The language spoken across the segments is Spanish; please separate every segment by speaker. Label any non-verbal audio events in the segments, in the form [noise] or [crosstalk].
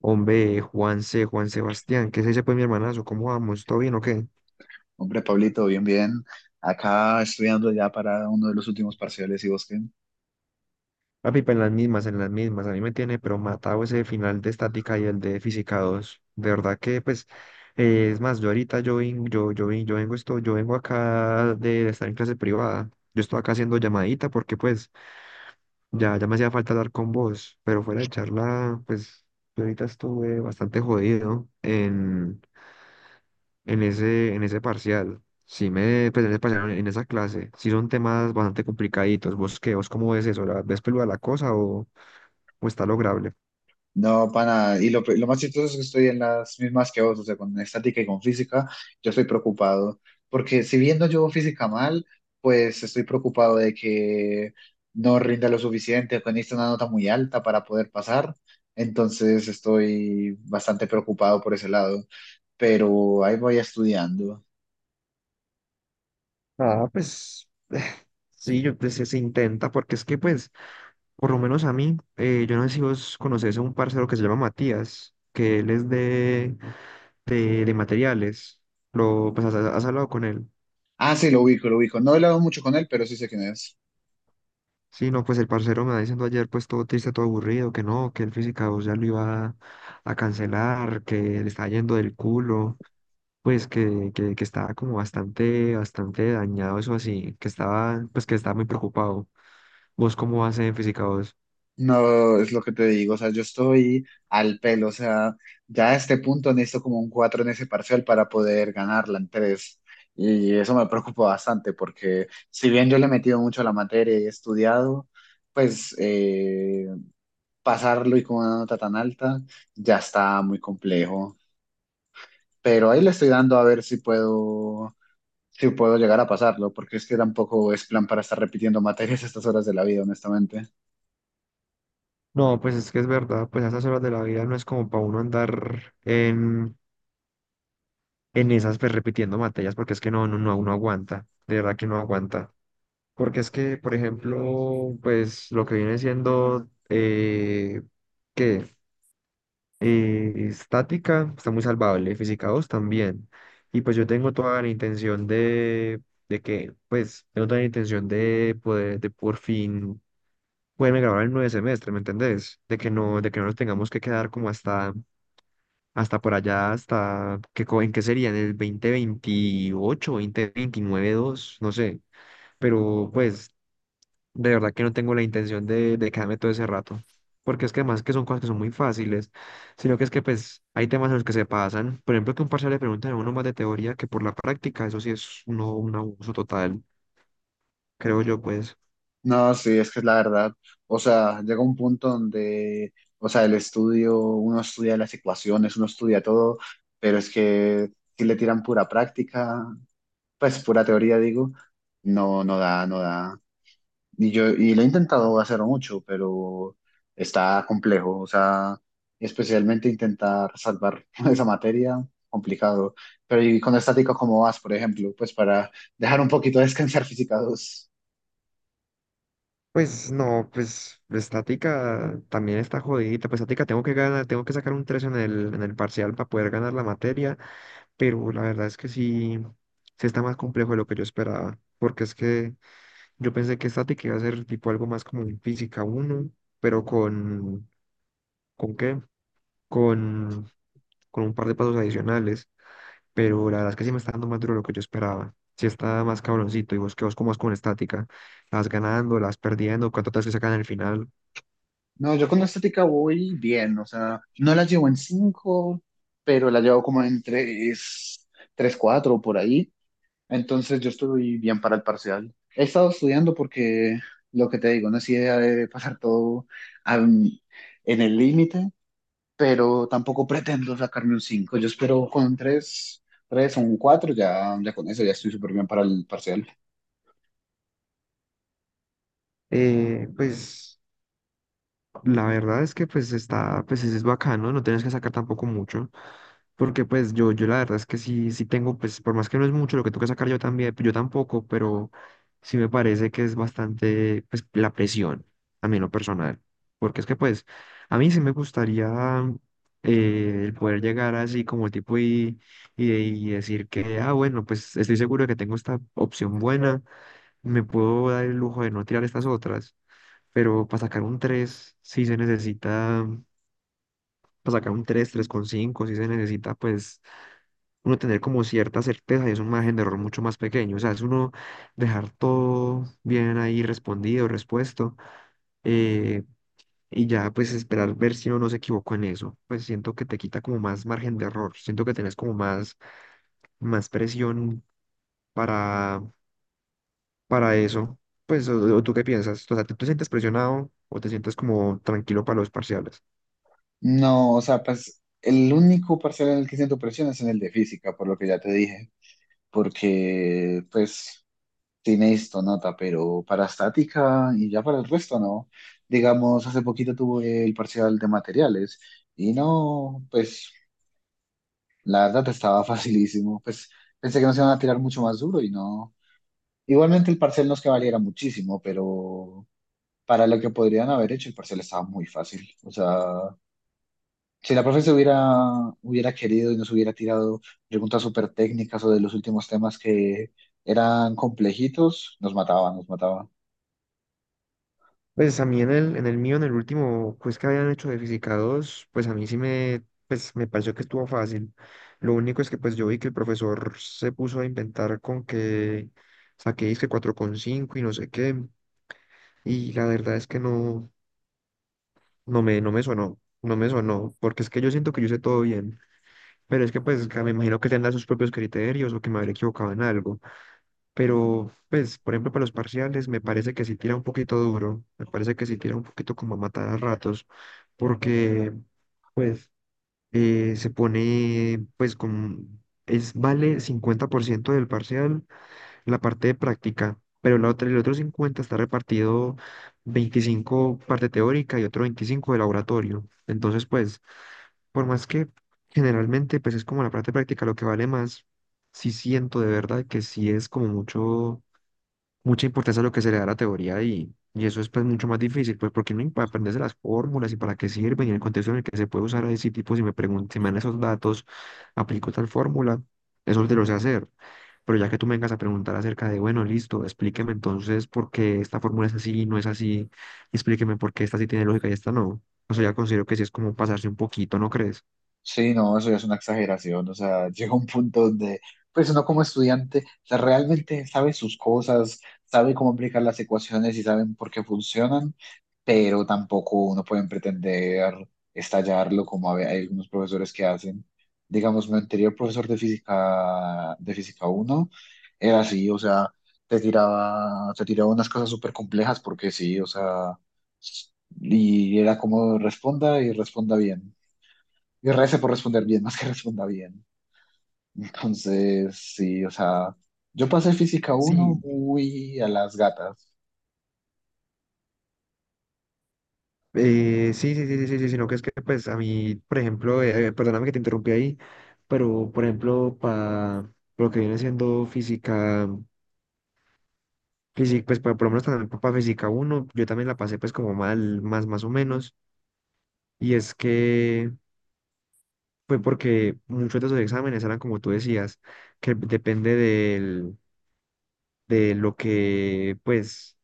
Speaker 1: Hombre, Juanse, Juan Sebastián, ¿qué se dice pues mi hermanazo? ¿Cómo vamos? ¿Todo bien o qué?
Speaker 2: Hombre, Pablito, bien, bien. Acá estudiando ya para uno de los últimos parciales y vos qué.
Speaker 1: Papi, pues en las mismas, en las mismas. A mí me tiene pero matado ese final de estática y el de física 2. De verdad que pues, es más, yo ahorita yo, vin- yo vengo esto, yo vengo acá de estar en clase privada. Yo estoy acá haciendo llamadita porque pues ya me hacía falta hablar con vos, pero fuera de charla, pues yo ahorita estuve bastante jodido en ese parcial. Pues, en ese parcial, en esa clase, sí son temas bastante complicaditos. ¿Vos qué? ¿Vos cómo ves eso? Ves peluda la cosa o, está lograble?
Speaker 2: No, pana, y lo más chistoso es que estoy en las mismas que vos, o sea, con estática y con física, yo estoy preocupado, porque si bien no llevo física mal, pues estoy preocupado de que no rinda lo suficiente, que necesito una nota muy alta para poder pasar, entonces estoy bastante preocupado por ese lado, pero ahí voy estudiando.
Speaker 1: Ah, pues [sighs] sí, pues, se intenta, porque es que pues, por lo menos a mí, yo no sé si vos conocés a un parcero que se llama Matías, que él es de materiales. Pues has hablado con él.
Speaker 2: Ah, sí, lo ubico, lo ubico. No he hablado mucho con él, pero sí sé quién es.
Speaker 1: Sí, no, pues el parcero me va diciendo ayer, pues todo triste, todo aburrido, que no, que el física 2 ya lo iba a cancelar, que le está yendo del culo, pues que estaba como bastante, bastante dañado, eso así, pues que estaba muy preocupado. ¿Vos cómo vas en física 2?
Speaker 2: No, es lo que te digo, o sea, yo estoy al pelo, o sea, ya a este punto necesito como un 4 en ese parcial para poder ganarla en tres. Y eso me preocupa bastante porque si bien yo le he metido mucho a la materia y he estudiado, pues pasarlo y con una nota tan alta ya está muy complejo. Pero ahí le estoy dando a ver si puedo, si puedo llegar a pasarlo, porque es que tampoco es plan para estar repitiendo materias a estas horas de la vida, honestamente.
Speaker 1: No, pues es que es verdad, pues a esas horas de la vida no es como para uno andar en, pues repitiendo materias, porque es que no, no, no, uno aguanta, de verdad que no aguanta. Porque es que, por ejemplo, pues lo que viene siendo qué estática está muy salvable, física 2 también. Y pues yo tengo toda la intención de que, pues, tengo toda la intención de poder, de por fin poderme grabar el nueve semestre, ¿me entendés? De que no nos tengamos que quedar como hasta por allá, ¿en qué sería? En el 2028, veintinueve dos no sé pero pues de verdad que no tengo la intención de quedarme todo ese rato, porque es que además que son cosas que son muy fáciles, sino que es que pues hay temas en los que se pasan, por ejemplo que un parcial le preguntan a uno más de teoría que por la práctica, eso sí es un abuso total, creo yo pues.
Speaker 2: No, sí, es que es la verdad. O sea, llega un punto donde, o sea, el estudio, uno estudia las ecuaciones, uno estudia todo, pero es que si le tiran pura práctica, pues pura teoría, digo, no, no da, no da. Y yo, y lo he intentado hacer mucho, pero está complejo. O sea, especialmente intentar salvar [laughs] esa materia, complicado. Pero y con estática, ¿cómo vas, por ejemplo? Pues para dejar un poquito descansar física 2.
Speaker 1: Pues no, pues estática también está jodidita, pues estática tengo que ganar, tengo que sacar un 3 en el parcial para poder ganar la materia, pero la verdad es que sí está más complejo de lo que yo esperaba, porque es que... Yo pensé que estática iba a ser tipo algo más como en física uno pero ¿con qué? Con, con un par de pasos adicionales. Pero la verdad es que sí me está dando más duro de lo que yo esperaba. Sí está más cabroncito. Y ¿vos como vas con estática? ¿Las ganando, las perdiendo, cuánto te que sacan al final?
Speaker 2: No, yo con la estética voy bien, o sea, no la llevo en 5, pero la llevo como en 3, 3 4 por ahí. Entonces yo estoy bien para el parcial. He estado estudiando porque, lo que te digo, no es idea de pasar todo am, en el límite, pero tampoco pretendo sacarme un 5. Yo espero con 3, 3 o un 4, ya, ya con eso ya estoy súper bien para el parcial.
Speaker 1: Pues. La verdad es que pues pues es bacano. No, no tienes que sacar tampoco mucho, porque pues yo la verdad es que sí tengo, pues por más que no es mucho lo que tengo que sacar yo también, yo tampoco, pero sí me parece que es bastante, pues la presión, a mí en lo personal, porque es que pues a mí sí me gustaría el poder llegar así como tipo y, y decir que, ah, bueno, pues estoy seguro de que tengo esta opción buena, me puedo dar el lujo de no tirar estas otras, pero para sacar un 3 sí se necesita, para sacar un 3, cinco sí se necesita, pues, uno tener como cierta certeza y es un margen de error mucho más pequeño. O sea, es uno dejar todo bien ahí respondido, respuesto, eh, y ya, pues, esperar ver si uno no se equivocó en eso. Pues siento que te quita como más margen de error, siento que tenés como más presión. para para eso? Pues, o ¿tú qué piensas? O sea, ¿tú te sientes presionado o te sientes como tranquilo para los parciales?
Speaker 2: No, o sea, pues el único parcial en el que siento presión es en el de física, por lo que ya te dije. Porque pues sí necesito nota, pero para estática y ya para el resto no. Digamos, hace poquito tuve el parcial de materiales y no, pues la verdad estaba [laughs] facilísimo, pues pensé que nos iban a tirar mucho más duro y no. Igualmente el parcial no es que valiera muchísimo, pero para lo que podrían haber hecho el parcial estaba muy fácil, o sea, si la profe hubiera querido y nos hubiera tirado preguntas súper técnicas o de los últimos temas que eran complejitos, nos mataba, nos mataba.
Speaker 1: Pues a mí en el mío, en el último quiz que habían hecho de Física 2, pues a mí sí me, pues me pareció que estuvo fácil. Lo único es que pues yo vi que el profesor se puso a inventar con que saqué disque 4,5 y no sé qué. Y la verdad es que no, no me sonó, porque es que yo siento que yo hice todo bien, pero es que pues que me imagino que tendrá sus propios criterios o que me habré equivocado en algo, pero pues por ejemplo para los parciales me parece que sí tira un poquito duro, me parece que sí tira un poquito como a matar a ratos, porque pues se pone pues es vale 50% del parcial la parte de práctica, pero la otra, el otro 50 está repartido 25 parte teórica y otro 25 de laboratorio. Entonces, pues, por más que generalmente, pues es como la parte práctica lo que vale más, sí siento de verdad que sí es como mucho mucha importancia a lo que se le da a la teoría y eso es pues mucho más difícil, pues porque no para aprenderse las fórmulas y para qué sirven y en el contexto en el que se puede usar a ese tipo, si me preguntan, si me dan esos datos, aplico tal fórmula, eso te lo sé hacer. Pero ya que tú me vengas a preguntar acerca de, bueno, listo, explíqueme entonces por qué esta fórmula es así y no es así, explíqueme por qué esta sí tiene lógica y esta no. O sea, ya considero que sí es como pasarse un poquito, ¿no crees?
Speaker 2: Sí, no, eso ya es una exageración, o sea, [laughs] llega un punto donde, pues uno como estudiante, o sea, realmente sabe sus cosas, sabe cómo aplicar las ecuaciones y saben por qué funcionan, pero tampoco uno puede pretender estallarlo como hay algunos profesores que hacen. Digamos, mi anterior profesor de física, de física 1, era así, o sea, te tiraba unas cosas súper complejas porque sí, o sea, y era como responda y responda bien. Y rece por responder bien, [laughs] más que responda bien. Entonces, sí, o sea, yo pasé física
Speaker 1: Sí,
Speaker 2: uno muy a las gatas.
Speaker 1: Sí, sí, sí, sí, sí, sí, sino que es que, pues, a mí, por ejemplo, perdóname que te interrumpí ahí, pero, por ejemplo, para lo que viene siendo física, pues, por lo menos también para física uno yo también la pasé, pues, como mal, más o menos, y es que fue porque muchos de esos exámenes eran, como tú decías, que de lo que, pues,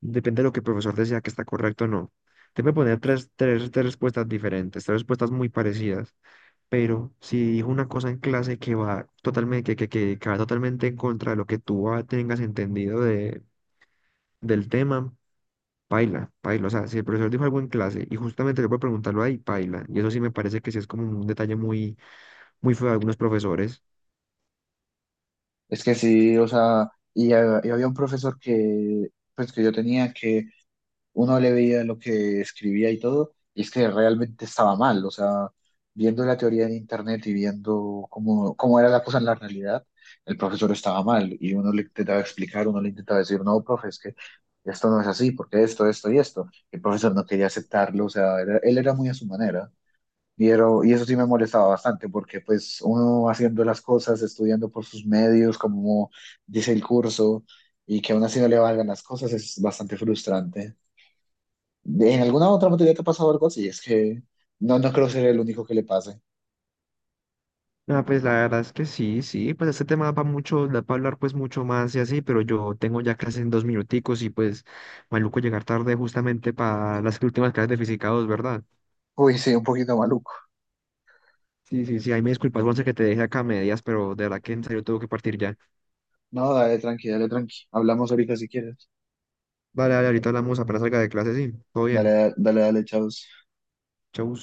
Speaker 1: depende de lo que el profesor decía que está correcto o no. Te voy a poner tres respuestas diferentes, tres respuestas muy parecidas, pero si dijo una cosa en clase que va totalmente, que va totalmente en contra de lo que tú tengas entendido del tema, paila, paila. O sea, si el profesor dijo algo en clase y justamente yo puedo preguntarlo ahí, paila. Y eso sí me parece que sí es como un detalle muy, muy feo de algunos profesores.
Speaker 2: Es que sí, o sea, y había un profesor que, pues, que yo tenía que uno le veía lo que escribía y todo, y es que realmente estaba mal, o sea, viendo la teoría en internet y viendo cómo era la cosa en la realidad, el profesor estaba mal, y uno le intentaba explicar, uno le intentaba decir, no, profe, es que esto no es así, porque esto y esto. El profesor no quería aceptarlo, o sea, él era muy a su manera. Y, y eso sí me molestaba bastante porque pues uno haciendo las cosas, estudiando por sus medios, como dice el curso, y que aún así no le valgan las cosas, es bastante frustrante. ¿En alguna otra materia te ha pasado algo así? Es que no, no creo ser el único que le pase.
Speaker 1: Ah, pues la verdad es que sí, sí, pues este tema va mucho, da para hablar pues mucho más y así, pero yo tengo ya clases en dos minuticos y pues maluco llegar tarde justamente para las [laughs] últimas clases de física 2, ¿verdad?
Speaker 2: Uy, sí, un poquito maluco.
Speaker 1: Sí, sí, sí, ahí me disculpas, Juanse, que te dejé acá a medias, pero de verdad que en serio tengo que partir ya.
Speaker 2: No, dale, tranqui, dale, tranqui. Hablamos ahorita si quieres.
Speaker 1: Vale, vale, ahorita hablamos apenas salga de clase, sí. Todo bien.
Speaker 2: Dale, dale, dale, chao.
Speaker 1: Chau.